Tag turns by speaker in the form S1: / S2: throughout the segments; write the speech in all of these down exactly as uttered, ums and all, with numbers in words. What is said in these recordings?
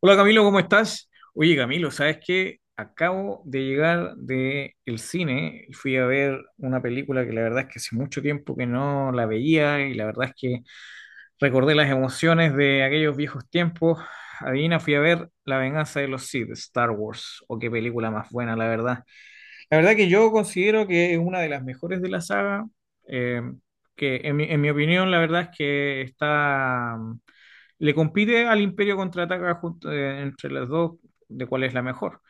S1: Hola Camilo, ¿cómo estás? Oye Camilo, ¿sabes qué? Acabo de llegar de el cine y fui a ver una película que la verdad es que hace mucho tiempo que no la veía y la verdad es que recordé las emociones de aquellos viejos tiempos. Adivina, fui a ver La Venganza de los Sith, Star Wars. ¡O qué película más buena, la verdad! La verdad que yo considero que es una de las mejores de la saga. eh, que en mi, en mi opinión la verdad es que está, mm, le compite al Imperio Contraataca junto, eh, entre las dos, de cuál es la mejor.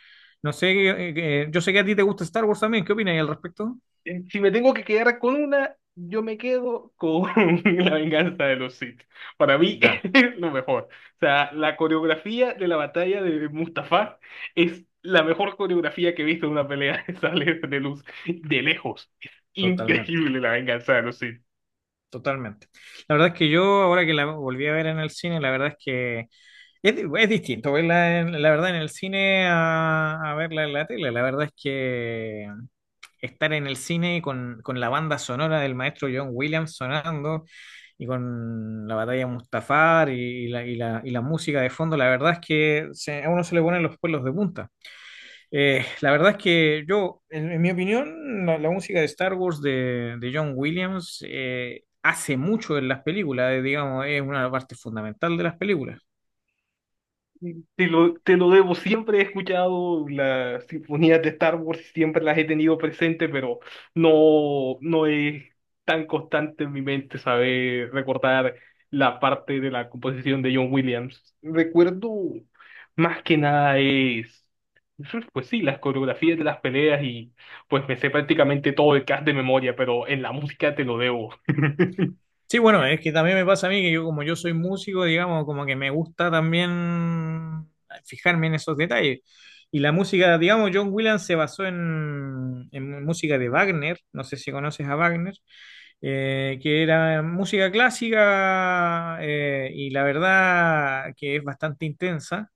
S1: No sé. Eh, eh, yo sé que a ti te gusta Star Wars también, ¿qué opinas al respecto?
S2: Eh, Si me tengo que quedar con una, yo me quedo con La venganza de los Sith. Para mí
S1: Ya,
S2: es lo mejor. O sea, la coreografía de la batalla de Mustafá es la mejor coreografía que he visto en una pelea de sable de luz de lejos. Es
S1: totalmente,
S2: increíble La venganza de los Sith.
S1: totalmente. La verdad es que yo ahora que la volví a ver en el cine, la verdad es que es, di- es distinto verla, en- la verdad, en el cine a, a, verla en la tele. La verdad es que estar en el cine con, con la banda sonora del maestro John Williams sonando y con la batalla de Mustafar y, la, y la- y la música de fondo, la verdad es que se- a uno se le ponen los pelos de punta. Eh, la verdad es que yo, en, en mi opinión, la, la música de Star Wars de, de, John Williams eh, hace mucho en las películas, eh, digamos, es una parte fundamental de las películas.
S2: Te lo, te lo debo, siempre he escuchado las sinfonías de Star Wars, siempre las he tenido presente, pero no, no es tan constante en mi mente saber recordar la parte de la composición de John Williams. Recuerdo más que nada es, pues sí, las coreografías de las peleas y pues me sé prácticamente todo el cast de memoria, pero en la música te lo debo.
S1: Sí, bueno, es que también me pasa a mí que yo como yo soy músico, digamos, como que me gusta también fijarme en esos detalles. Y la música, digamos, John Williams se basó en, en, música de Wagner, no sé si conoces a Wagner, eh, que era música clásica. Eh, y la verdad que es bastante intensa.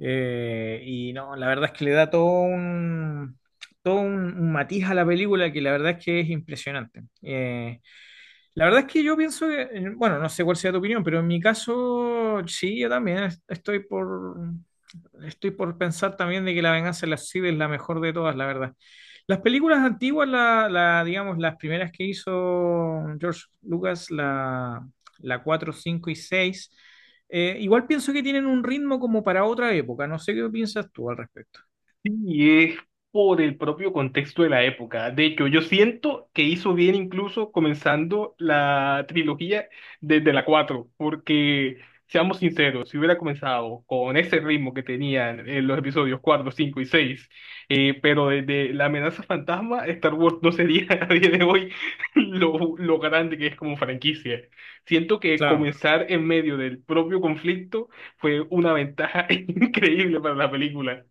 S1: eh, Y no, la verdad es que le da todo un, todo un, un matiz a la película que la verdad es que es impresionante. Eh, la verdad es que yo pienso que, eh, bueno, no sé cuál sea tu opinión, pero en mi caso, sí, yo también es- estoy por, estoy por pensar también de que La Venganza de las Sith es la mejor de todas, la verdad. Las películas antiguas, la, la, digamos, las primeras que hizo George Lucas, la, la cuatro cinco y seis eh, igual pienso que tienen un ritmo como para otra época. No sé qué piensas tú al respecto.
S2: Y es por el propio contexto de la época. De hecho, yo siento que hizo bien incluso comenzando la trilogía desde la cuatro, porque seamos sinceros, si hubiera comenzado con ese ritmo que tenían en los episodios cuatro, cinco y seis, eh, pero desde la amenaza fantasma, Star Wars no sería a día de hoy lo, lo grande que es como franquicia. Siento que
S1: Claro.
S2: comenzar en medio del propio conflicto fue una ventaja increíble para la película.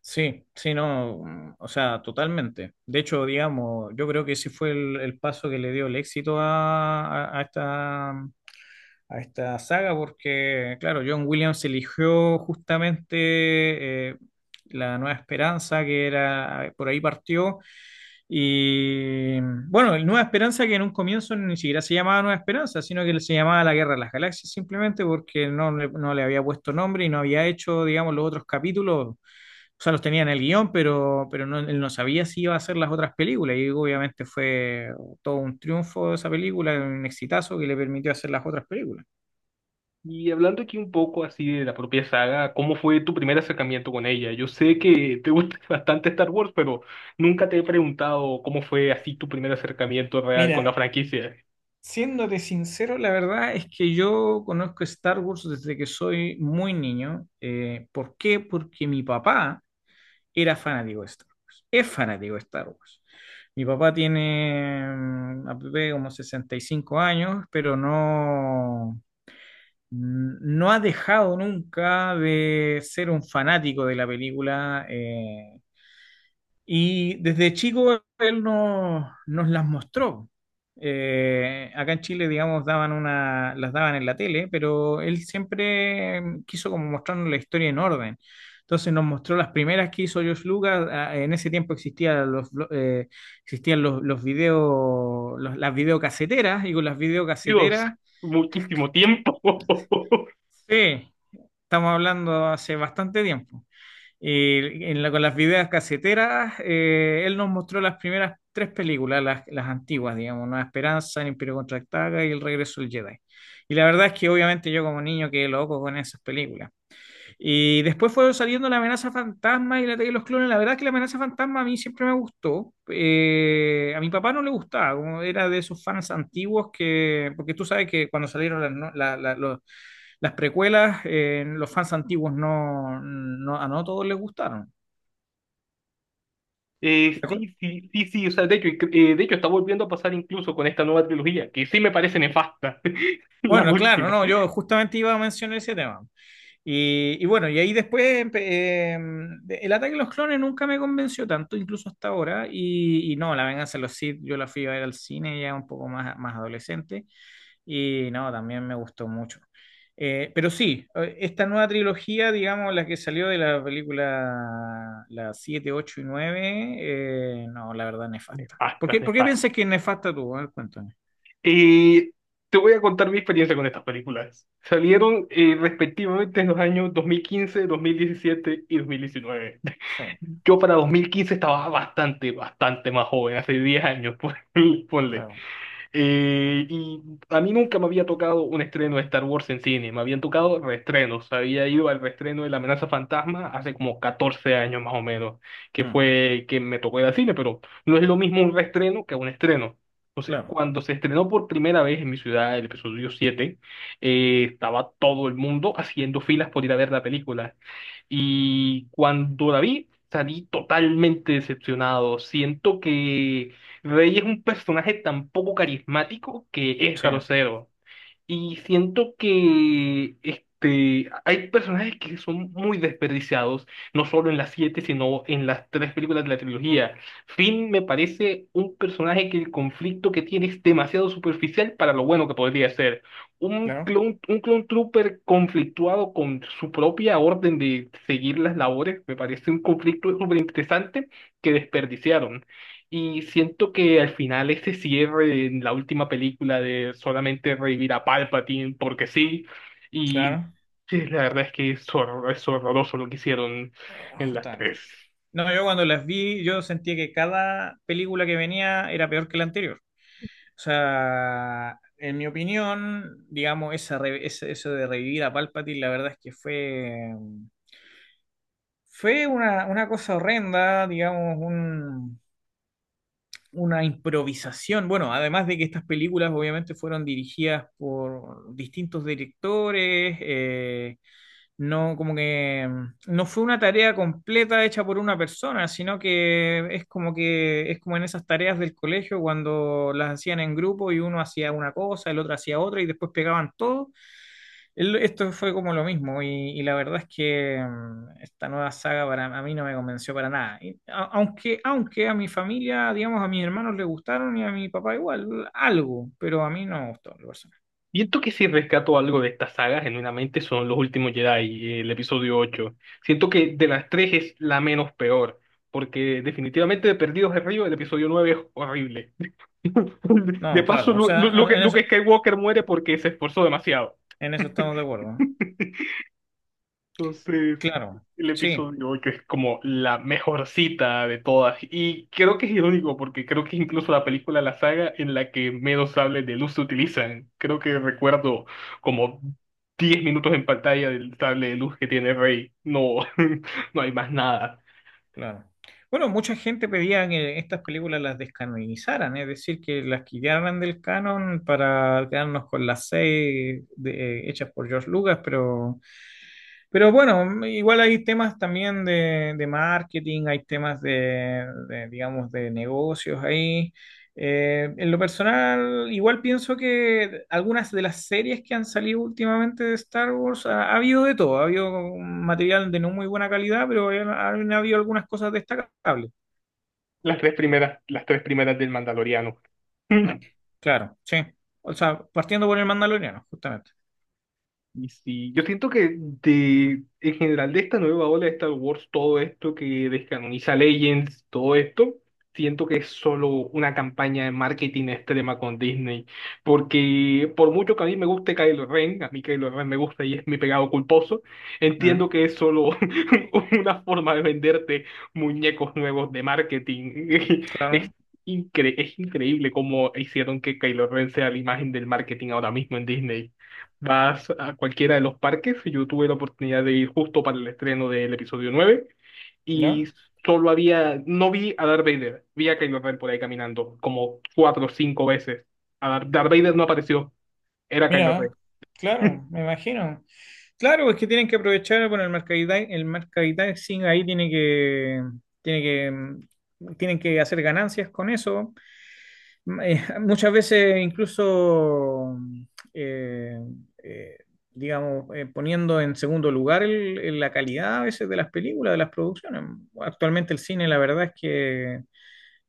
S1: Sí, sí, no, mm, o sea, totalmente. De hecho, digamos, yo creo que ese fue el, el, paso que le dio el éxito a, a- a esta, mm, a esta saga, porque, claro, John Williams eligió justamente eh, La Nueva Esperanza, que era, por ahí partió, y mm, bueno, el Nueva Esperanza que en un comienzo ni siquiera se llamaba Nueva Esperanza, sino que se llamaba La Guerra de las Galaxias, simplemente porque no, le- no le había puesto nombre y no había hecho, digamos, los otros capítulos. O sea, los tenía en el guión, pero, pero no, él no sabía si iba a hacer las otras películas. Y obviamente fue todo un triunfo esa película, un exitazo que le permitió hacer las otras películas.
S2: Y hablando aquí un poco así de la propia saga, ¿cómo fue tu primer acercamiento con ella? Yo sé que te gusta bastante Star Wars, pero nunca te he preguntado cómo fue así tu primer acercamiento real con la
S1: Mira,
S2: franquicia.
S1: siéndote sincero, la verdad es que yo conozco Star Wars desde que soy muy niño. Eh, ¿por qué? Porque mi papá era fanático de Star Wars. Es fanático de Star Wars. Mi papá tiene mm, aproximadamente como sesenta y cinco años, pero no Mm, no ha dejado nunca de ser un fanático de la película. Eh, y desde chico él no- nos las mostró. Eh, acá en Chile, digamos, daban una, las daban en la tele, pero él siempre eh, quiso como mostrarnos la historia en orden. Entonces nos mostró las primeras que hizo George Lucas. Ah, en ese tiempo existían los, blo- eh, existían los, los videos, las videocaseteras, y con las
S2: Dios,
S1: videocaseteras,
S2: muchísimo tiempo.
S1: sí, estamos hablando hace bastante tiempo. Y en la- con las videos caseteras, eh, él nos mostró las primeras tres películas, las, las antiguas, digamos, Nueva Esperanza, El Imperio Contraataca y El Regreso del Jedi. Y la verdad es que obviamente yo como niño quedé loco con esas películas. Y después fueron saliendo La Amenaza Fantasma y la Ataque de los Clones. La verdad es que La Amenaza Fantasma a mí siempre me gustó. Eh, a mi papá no le gustaba, como era de esos fans antiguos que, porque tú sabes que cuando salieron las, no- la- la- los- las precuelas, eh, los fans antiguos no, no, a no todos les gustaron.
S2: Eh,
S1: La co-
S2: sí, sí, sí, sí, o sea, de hecho, eh, de hecho está volviendo a pasar incluso con esta nueva trilogía, que sí me parece nefasta, la
S1: Bueno, claro,
S2: última.
S1: no, yo justamente iba a mencionar ese tema. Y, y bueno, y ahí después empe- em, el ataque de los clones nunca me convenció tanto, incluso hasta ahora. Y, y no, La Venganza de los Sith, yo la fui a ver al cine ya un poco más, más adolescente. Y no, también me gustó mucho. Eh, pero sí, eh, esta nueva trilogía, digamos, la que salió de la película las siete ocho y nueve eh, no, la verdad, nefasta. ¿Por
S2: Nefasta,
S1: qué, por qué
S2: nefasta.
S1: piensas que es nefasta tú? A ver, cuéntame.
S2: Y te voy a contar mi experiencia con estas películas. Salieron eh, respectivamente en los años dos dos mil quince, dos mil diecisiete y dos mil diecinueve.
S1: Sí,
S2: Yo para dos mil quince estaba bastante, bastante más joven, hace diez años, pon- ponle.
S1: claro,
S2: Eh, y a mí nunca me había tocado un estreno de Star Wars en cine, me habían tocado reestrenos. Había ido al reestreno de La Amenaza Fantasma hace como catorce años más o menos, que
S1: mm,
S2: fue que me tocó ir al cine, pero no es lo mismo un reestreno que un estreno. Entonces,
S1: claro,
S2: cuando se estrenó por primera vez en mi ciudad el episodio siete, eh, estaba todo el mundo haciendo filas por ir a ver la película. Y cuando la vi, salí totalmente decepcionado. Siento que Rey es un personaje tan poco carismático que es
S1: sí,
S2: grosero. Y siento que este, hay personajes que son muy desperdiciados, no solo en las siete, sino en las tres películas de la trilogía. Finn me parece un personaje que el conflicto que tiene es demasiado superficial para lo bueno que podría ser. Un
S1: claro,
S2: clone, un clone trooper conflictuado con su propia orden de seguir las labores, me parece un conflicto súper interesante que desperdiciaron. Y siento que al final ese cierre en la última película de solamente revivir a Palpatine porque sí, y
S1: claro.
S2: sí, la verdad es que es, hor- es horroroso lo que hicieron
S1: Eh,
S2: en las
S1: justamente.
S2: tres.
S1: No, yo cuando las vi, yo sentía que cada película que venía era peor que la anterior. O sea, en mi opinión, digamos, esa re- ese- eso de revivir a Palpatine, la verdad es que fue, fue, una, una cosa horrenda, digamos, un- una improvisación. Bueno, además de que estas películas obviamente fueron dirigidas por distintos directores. eh, No, como que mm, no fue una tarea completa hecha por una persona, sino que es como que es como en esas tareas del colegio cuando las hacían en grupo y uno hacía una cosa, el otro hacía otra y después pegaban todo. El- Esto fue como lo mismo, y, y, la verdad es que mm, esta nueva saga para a mí no me convenció para nada. Y a- aunque, aunque a mi familia, digamos, a mis hermanos les gustaron y a mi papá igual, algo, pero a mí no me gustó, en lo personal.
S2: Siento que si rescato algo de esta saga, genuinamente son los últimos Jedi, el episodio ocho. Siento que de las tres es la menos peor, porque definitivamente de Perdidos en Río el episodio nueve es horrible. De
S1: No,
S2: paso,
S1: claro, o
S2: Lu-
S1: sea,
S2: Lu- Luke
S1: en eso,
S2: Luke Skywalker muere porque se esforzó demasiado.
S1: en eso estamos de acuerdo.
S2: Entonces,
S1: Claro.
S2: el
S1: Sí,
S2: episodio ocho es como la mejor cita de todas. Y creo que es irónico porque creo que es incluso la película de la saga en la que menos sables de luz se utilizan. Creo que recuerdo como diez minutos en pantalla del sable de luz que tiene Rey. No, no hay más nada.
S1: claro. Bueno, mucha gente pedía que estas películas las descanonizaran, es decir, que las quitaran del canon para quedarnos con las seis de- eh, hechas por George Lucas, pero pero bueno, igual hay temas también de, de marketing, hay temas de, de, digamos, de negocios ahí. Eh, en lo personal, igual pienso que algunas de las series que han salido últimamente de Star Wars, ha, ha, habido de todo, ha habido material de no muy buena calidad, pero han, han habido algunas cosas destacables.
S2: Las tres primeras, las tres primeras del Mandaloriano.
S1: Claro, sí. O sea, partiendo por el Mandaloriano, justamente.
S2: Y sí, yo siento que de, en general de esta nueva ola de Star Wars, todo esto que descanoniza Legends, todo esto, siento que es solo una campaña de marketing extrema con Disney. Porque por mucho que a mí me guste Kylo Ren, a mí Kylo Ren me gusta y es mi pegado culposo,
S1: Mm,
S2: entiendo que es solo una forma de venderte muñecos nuevos de marketing. Es
S1: claro,
S2: incre- es increíble cómo hicieron que Kylo Ren sea la imagen del marketing ahora mismo en Disney. Vas a cualquiera de los parques. Yo tuve la oportunidad de ir justo para el estreno del episodio nueve y
S1: ¿ya?
S2: solo había, no vi a Darth Vader, vi a Kylo Ren por ahí caminando como cuatro o cinco veces. A Dar- Darth Vader no apareció, era Kylo Ren.
S1: Mira, claro, me imagino. Claro, es que tienen que aprovechar, bueno, el mercadita- el mercadising ahí tiene que, tiene que, mm, tienen que hacer ganancias con eso. Mm, eh, muchas veces incluso, mm, eh, eh, digamos, eh, poniendo en segundo lugar el- el- la calidad a veces de las películas, de las producciones. Actualmente el cine, la verdad es que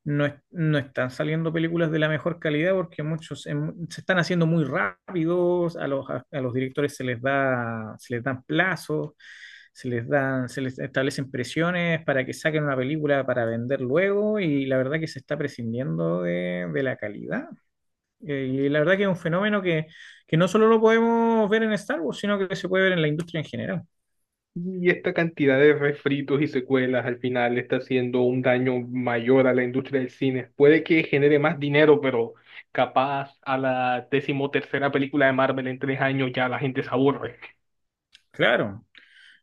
S1: no, es- no están saliendo películas de la mejor calidad porque muchos en- se están haciendo muy rápidos, a los, a, a los directores se les da, se les dan plazos, se les dan, se les establecen presiones para que saquen una película para vender luego y la verdad que se está prescindiendo de, de la calidad. Eh, y la verdad que es un fenómeno que, que, no solo lo podemos ver en Star Wars, sino que se puede ver en la industria en general.
S2: Y esta cantidad de refritos y secuelas al final está haciendo un daño mayor a la industria del cine. Puede que genere más dinero, pero capaz a la decimotercera película de Marvel en tres años ya la gente se aburre.
S1: Claro.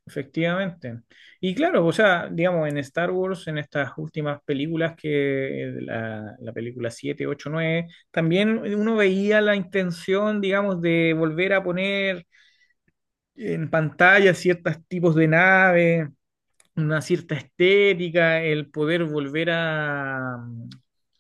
S1: Efectivamente. Y claro, o sea, digamos, en Star Wars, en estas últimas películas, que eh, la, la película siete ocho nueve también uno veía la intención, digamos, de volver a poner en pantalla ciertos tipos de naves, una cierta estética, el poder volver a, mm,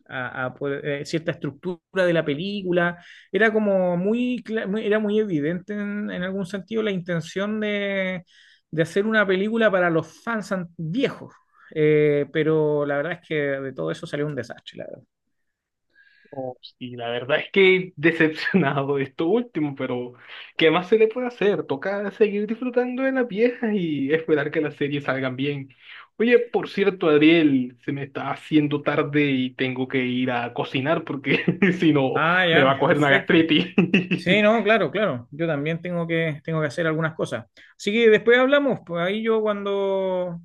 S1: a- a poder- eh, cierta estructura de la película. Era como muy, cla- muy- era muy evidente en, en algún sentido la intención de, de, hacer una película para los fans an- viejos. Eh, pero la verdad es que de todo eso salió un desastre, la verdad.
S2: Oh, y la verdad es que decepcionado de esto último, pero ¿qué más se le puede hacer? Toca seguir disfrutando de las viejas y esperar que las series salgan bien. Oye, por cierto, Adriel, se me está haciendo tarde y tengo que ir a cocinar porque si no
S1: Ah,
S2: me va a
S1: ya,
S2: coger una
S1: perfecto.
S2: gastritis.
S1: Sí, no, claro, claro. Yo también tengo que, tengo que, hacer algunas cosas. Así que después hablamos, pues ahí yo cuando,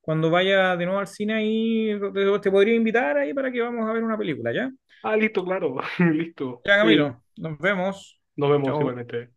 S1: cuando vaya de nuevo al cine ahí te te podría invitar ahí para que vamos a ver una película, ¿ya?
S2: Ah, listo, claro, listo.
S1: Ya,
S2: Eh,
S1: Camilo, nos vemos.
S2: nos vemos
S1: Chao.
S2: igualmente.